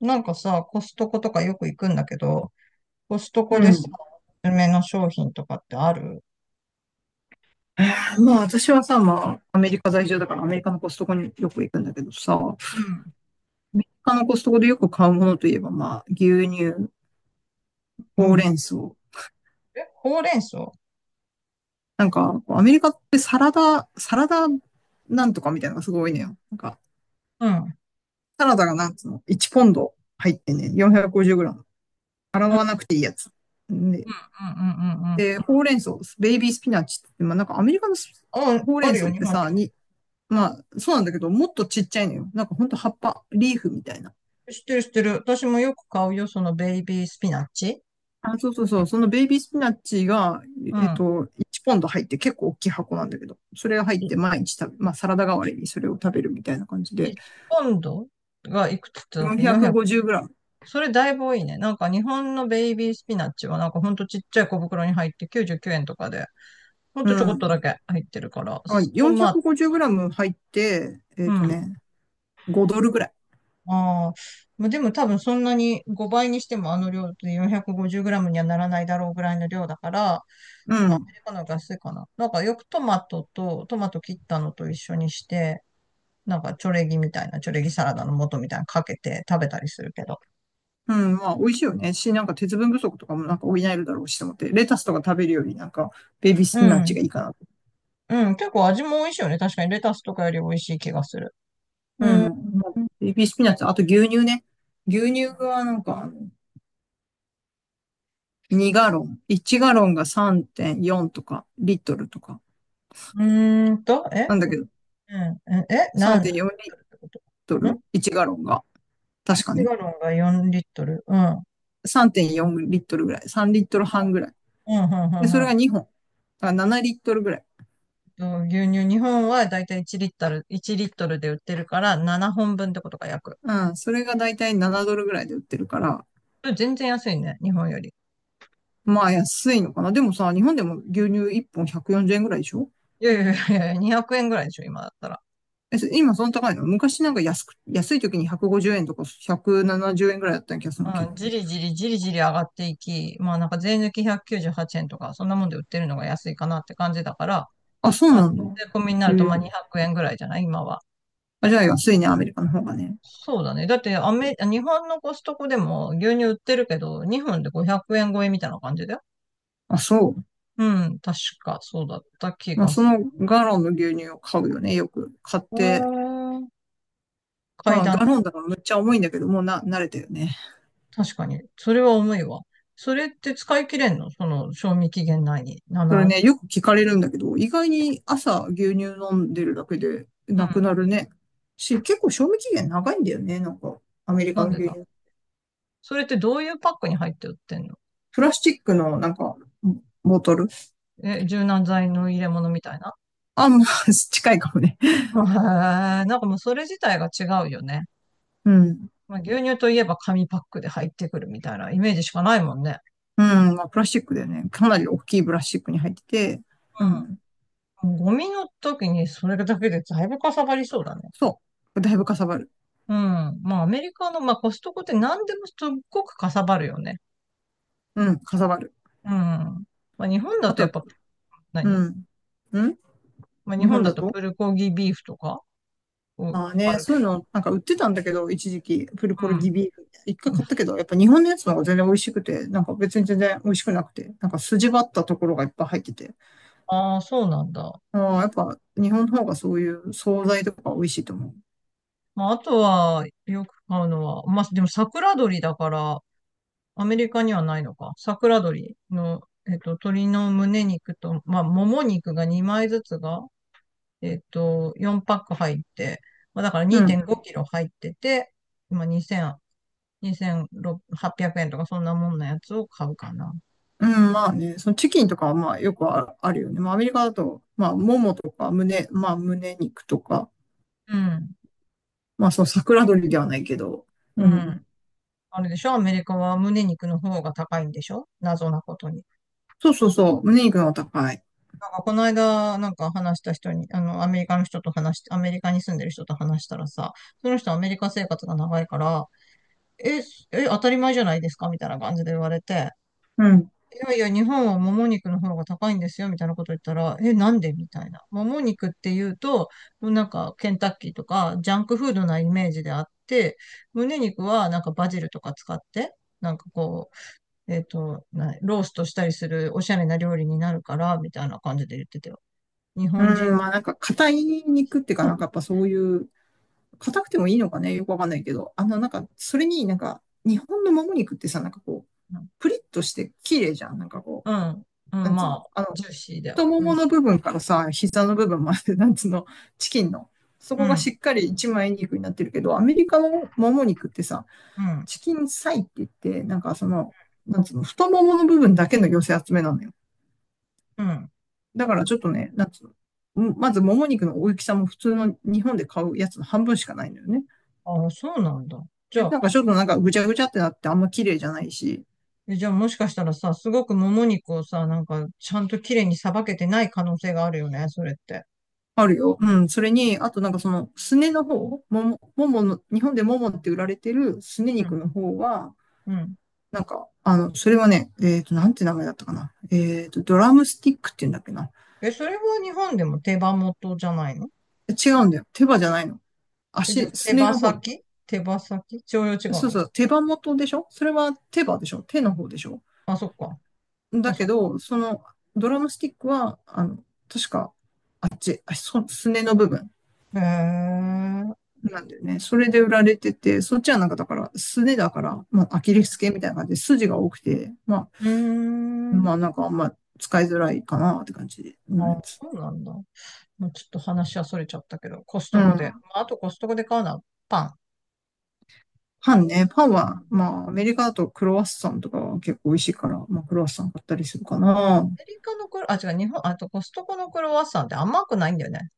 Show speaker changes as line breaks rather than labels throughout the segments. なんかさ、コストコとかよく行くんだけど、コスト
う
コでさ、
ん。
おすすめの商品とかってある？
まあ私はさ、まあアメリカ在住だからアメリカのコストコによく行くんだけどさ、ア
うん。
メリカのコストコでよく買うものといえばまあ牛乳、
う
ほう
ん。
れん草。
え、ほうれん草？
なんかアメリカってサラダなんとかみたいなのがすごいねよ。なんか
うん。うん
サラダがなんつうの、1ポンド入ってね、450g。洗
う
わ
ん
なくていいやつ。で、
うんうん
で、
う
ほうれん草、ベイビースピナッチって、まあなんかアメリカの
ん。
ス
あ、
ほう
あ
れん
る
草
よ、
っ
日
て
本で
さ、
も。
まあそうなんだけど、もっとちっちゃいのよ。なんかほんと葉っぱ、リーフみたいな。
知ってる知ってる。私もよく買うよ、そのベイビースピナッチ。
あ、そうそうそう。そのベイビースピナッチが、
う
えっ
ん。
と、1ポンド入って結構大きい箱なんだけど、それが入っ
い
て毎日食べ、まあサラダ代わりにそれを食べるみたいな感じで、
1ポンドがいくつだっけ？ 400。
450グラム。
それだいぶ多いね。なんか日本のベイビースピナッチはなんかほんとちっちゃい小袋に入って99円とかで、ほん
う
とちょこっと
ん。
だけ入ってるから、
あ、
トマト、
450グラム入って、
うん。
5ドルぐらい。
ああ、まあ、でも多分そんなに5倍にしてもあの量って 450g にはならないだろうぐらいの量だから、
う
多分ア
ん。
メリカの方が安いかな。なんかよくトマトと、トマト切ったのと一緒にして、なんかチョレギみたいな、チョレギサラダの素みたいなのかけて食べたりするけど。
うん。まあ美味しいよね。なんか鉄分不足とかもなんか補えるだろうしと思って、レタスとか食べるよりなんかベイビースピ
う
ナッチ
ん。
がいいかなと。
うん。結構味も美味しいよね。確かにレタスとかより美味しい気がする。う
う
ん。
ん。まあベイビースピナッチ、あと牛乳ね。牛乳はなんか、2ガロン。1ガロンが3.4とか、リットルとか。
ーんと、え
なんだけど、
うん。え、何リッ
3.4リッ
トルってこと？
ト
ん
ル？ 1 ガロンが。
エ
確か
シ
ね。
ガロンが4リットル。うん。うん、
3.4リットルぐらい。3リットル半ぐらい。
うん、うん、う
で、そ
ん。
れが2本。だから7リットルぐらい。
牛乳、日本はだいたい1リットル、1リットルで売ってるから7本分ってことか、約。
うん。それがだいたい7ドルぐらいで売ってるから、
これ全然安いね、日本より。
まあ安いのかな。でもさ、日本でも牛乳1本140円ぐらいでしょ？
いやいやいやいや、200円ぐらいでしょ、今だったら。
え、今その高いの昔なんか安い時に150円とか170円ぐらいだった気がするけ
う
ど。
ん、じりじりじりじり上がっていき、まあなんか税抜き198円とか、そんなもんで売ってるのが安いかなって感じだから、
あ、そう
まあ、
なんだ。
税込みにな
へ
るとま
え。
あ200円ぐらいじゃない今は。
あ、じゃあ安いね、アメリカの方がね。
そうだね。だって日本のコストコでも牛乳売ってるけど、日本で500円超えみたいな感じだよ。
あ、そう。
うん、確かそうだった気
まあ、
が
そ
する。
のガロンの牛乳を買うよね。よく買って。
階
まあ、
段
ガ
ね。
ロンだからむっちゃ重いんだけど、もうな、慣れたよね。
確かに。それは重いわ。それって使い切れんの？賞味期限内に。
それね、よく聞かれるんだけど、意外に朝牛乳飲んでるだけで
う
なくな
ん。
るね。結構賞味期限長いんだよね。なんか、アメリ
な
カ
ん
の
で
牛
だ。
乳。
それってどういうパックに入って売ってんの？
プラスチックのなんか、ボトル。
え、柔軟剤の入れ物みたいな？
あ、まあ、近いかもね。
へえ、なんかもうそれ自体が違うよね。
うん。
まあ、牛乳といえば紙パックで入ってくるみたいなイメージしかないもんね。
うん。まあ、プラスチックだよね。かなり大きいプラスチックに入ってて。うん。
ゴミの時にそれだけでだいぶかさばりそうだね。
そう。だいぶかさばる。
うん。まあアメリカの、まあ、コストコって何でもすっごくかさばるよね。
うん、かさばる。
うん。まあ、日本だ
あ
とやっ
と、
ぱ
う
何？
ん。ん
まあ、日
日
本
本
だ
だ
と
と。
プルコギビーフとか、うん、
ああ
あ
ね、
る
そ
け
うい
ど。
うの、なんか売ってたんだけど、一時期、プルコルギビーフ。一回
うん。
買ったけど、やっぱ日本のやつの方が全然美味しくて、なんか別に全然美味しくなくて、なんか筋張ったところがいっぱい入ってて。
ああ、そうなんだ。
ああ、やっぱ日本の方がそういう惣菜とか美味しいと思う。
まあ、あとは、よく買うのは、まあ、でも桜鶏だから、アメリカにはないのか。桜鶏の、鶏の胸肉と、まあ、もも肉が2枚ずつが、4パック入って、まあ、だから
う
2.5
ん。
キロ入ってて、今2000、2800円とかそんなもんのやつを買うかな。
うん、まあね、そのチキンとかはまあよくああるよね。まあアメリカだと、まあももとか胸、まあ胸肉とか、
うん。
まあその桜鶏ではないけど、
う
う
ん。
ん。
あれでしょ？アメリカは胸肉の方が高いんでしょ？謎なことに。
そうそうそう、胸肉の方が高い。
なんかこの間、なんか話した人に、アメリカに住んでる人と話したらさ、その人はアメリカ生活が長いから、え、当たり前じゃないですかみたいな感じで言われて、
うん。
いやいや、日本はもも肉の方が高いんですよ、みたいなこと言ったら、え、なんでみたいな。もも肉って言うと、もうなんか、ケンタッキーとか、ジャンクフードなイメージであって、胸肉はなんかバジルとか使って、なんかこえっと、なローストしたりするおしゃれな料理になるから、みたいな感じで言ってたよ。日
う
本人、
ん、まあなんか硬い肉っていうか、なんかやっぱそういう、硬くてもいいのかね、よくわかんないけど、あのなんか、それになんか、日本のもも肉ってさ、なんかこう、プリッとして綺麗じゃん。なんかこ
うん、
う、
う
な
ん、
んつう
ま
の、
あ、
あの、
ジューシーで
太も
美味
もの
しい。
部分からさ、膝の部分まで、なんつうの、チキンの、そ
う
こが
ん、
しっかり一枚肉になってるけど、アメリカのもも肉ってさ、
うん、
チキンサイって言って、なんかその、なんつうの、太ももの部分だけの寄せ集めなのよ。
うん。
だからちょっとね、なんつうの。まず、もも肉の大きさも普通の日本で買うやつの半分しかないのよね。
ああ、そうなんだ。じ
で、
ゃあ、
なんかちょっとなんかぐちゃぐちゃってなってあんま綺麗じゃないし、
もしかしたらさ、すごくもも肉をさ、なんか、ちゃんと綺麗にさばけてない可能性があるよね、それって。
あるよ。うん。それに、あとなんかその、すねの方、ももの、日本でももって売られてるすね
うん、
肉の方は、
うん。
なんか、あの、それはね、なんて名前だったかな。ドラムスティックって言うんだっけな。
え、それは日本でも手羽元じゃないの？
違うんだよ。手羽じゃないの。
え、じゃ
足、
あ手
すね
羽
の方。
先手羽先調用違う
そう
の？
そう、手羽元でしょ？それは手羽でしょ？手の方でしょ？
あ、そっか。
だ
あ、そ
け
っか。
ど、そのドラムスティックは、あの、確か、じ、あそ、すねの部分
へえ。
なんだよね。それで売られてて、そっちはなんかだから、すねだから、まあ、アキレス腱みたいな感じで筋が多くて、ま
うー
あ、まあ
ん。
なんかあんま使いづらいかなって感じのやつ。
そうなんだ。もうちょっと話はそれちゃったけど、コス
う
トコで。
ん。
まあ、あとコストコで買うのはパン。
パンね。パン
う
は、
ん。
まあ、アメリカだとクロワッサンとかは結構美味しいから、まあ、クロワッサン買ったりするかな。
アメリカのクロ、あ、違う、日本、あとコストコのクロワッサンって甘くないんだよね。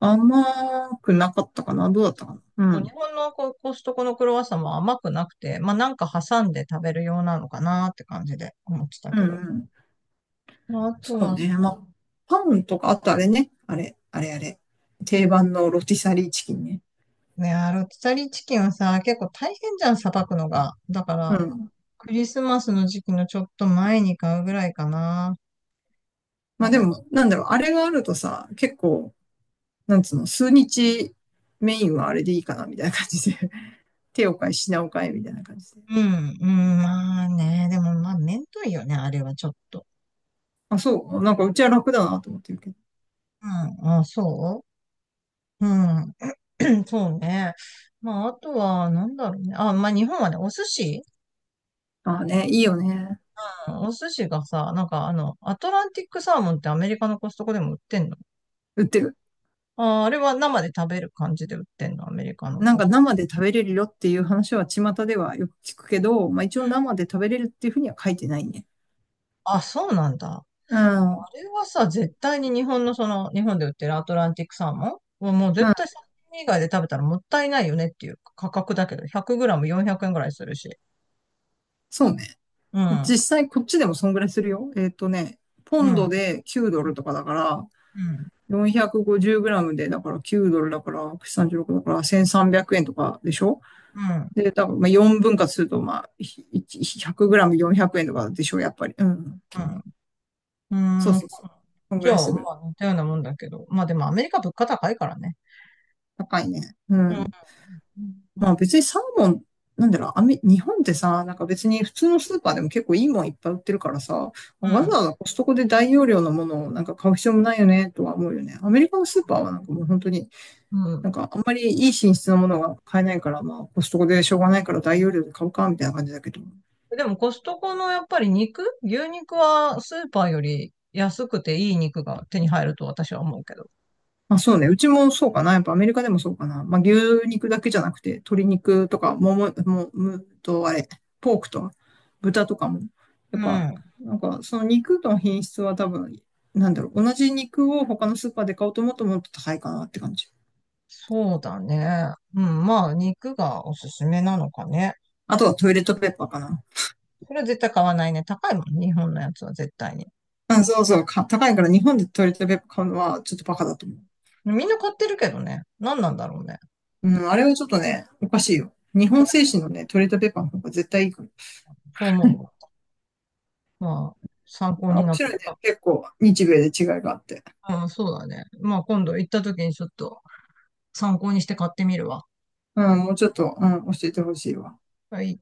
甘くなかったかな。どうだったかな。う
そう日
ん。
本のコストコのクロワッサンも甘くなくて、まあなんか挟んで食べるようなのかなって感じで思ってた
うん
けど。
うん。
まあ、あと
そう
は、
ね。まあ、パンとか、あとあれね。あれ、あれあれ。定番のロティサリーチキンね。
ね、あロティサリーチキンはさ、結構大変じゃん、さばくのが。だか
う
ら、
ん。
クリスマスの時期のちょっと前に買うぐらいかな。な
まあ
ん
で
か、
も、なんだろう、あれがあるとさ、結構、なんつうの、数日メインはあれでいいかな、みたいな感じで。手を変え、品を変え、みたいな感じで。
うん、うん、まあね、でもまあ、めんどいよね、あれはちょっと。
あ、そう。なんかうちは楽だなと思ってるけど。
うん、あ、そう。うん、そうね。まあ、あとは、なんだろうね。あ、まあ、日本はね、お寿司、
ああね、いいよね。
うん、お寿司がさ、なんかアトランティックサーモンってアメリカのコストコでも売ってんの？
売ってる。
あ、あれは生で食べる感じで売ってんの、アメリカの
なん
コ
か
ストコ？
生で食べれるよっていう話は巷ではよく聞くけど、まあ一応生で食べれるっていうふうには書いてないね。
あ、そうなんだ。
うん。うん。
あれはさ、絶対に日本のその、日本で売ってるアトランティックサーモンはもう絶対サーモン以外で食べたらもったいないよねっていう価格だけど、100グラム400円ぐらいするし。
そうね。
うん、うん、
実際こっちでもそんぐらいするよ。ポ
う
ンド
ん、
で9ドルとかだから、
うん、
450グラムで、だから9ドルだから、136だから1300円とかでしょ？
うん、
で、多分まあ4分割すると、まあ、100グラム400円とかでしょ？やっぱり。うん。
う
そ
ん。
う
うん。
そうそう。こん
じ
ぐら
ゃ
い
あ、
す
ま
る。
あ似たようなもんだけど。まあでもアメリカ物価高いからね。
高いね。う
うん、
ん。まあ別にサーモン、なんだろう、日本ってさ、なんか別に普通のスーパーでも結構いいもんいっぱい売ってるからさ、
う
わ
ん、
ざわざコストコで大容量のものをなんか買う必要もないよね、とは思うよね。アメリカのスーパーはなんかもう本当に、
う
な
ん。
んかあんまりいい品質のものが買えないから、まあコストコでしょうがないから大容量で買うか、みたいな感じだけど。
でもコストコのやっぱり肉、牛肉はスーパーより安くていい肉が手に入ると私は思うけど。
まあそうね。うちもそうかな。やっぱアメリカでもそうかな。まあ牛肉だけじゃなくて、鶏肉とか、もも、も、むとあれ、ポークと豚とかも。や
う
っぱ、
ん。
なんかその肉の品質は多分、なんだろう。同じ肉を他のスーパーで買おうと思うともっと高いかなって感じ。
そうだね。うん、まあ、肉がおすすめなのかね。
あとはトイレットペーパーかな。
それは絶対買わないね。高いもんね、日本のやつは絶対に。
うんそうそう。高いから日本でトイレットペーパー買うのはちょっとバカだと思う。
みんな買ってるけどね。何なんだろうね。
うん、あれはちょっとね、おかしいよ。日
みん
本製
な
紙のね、トイレットペーパーの方が絶対いいから。
そう思うわ。まあ、参考
あ、
に
面
なっ
白いね。
た。
結構、日米で違いがあって。
うん、そうだね。まあ、今度行った時にちょっと参考にして買ってみるわ。
うん、もうちょっと、うん、教えてほしいわ。
はい。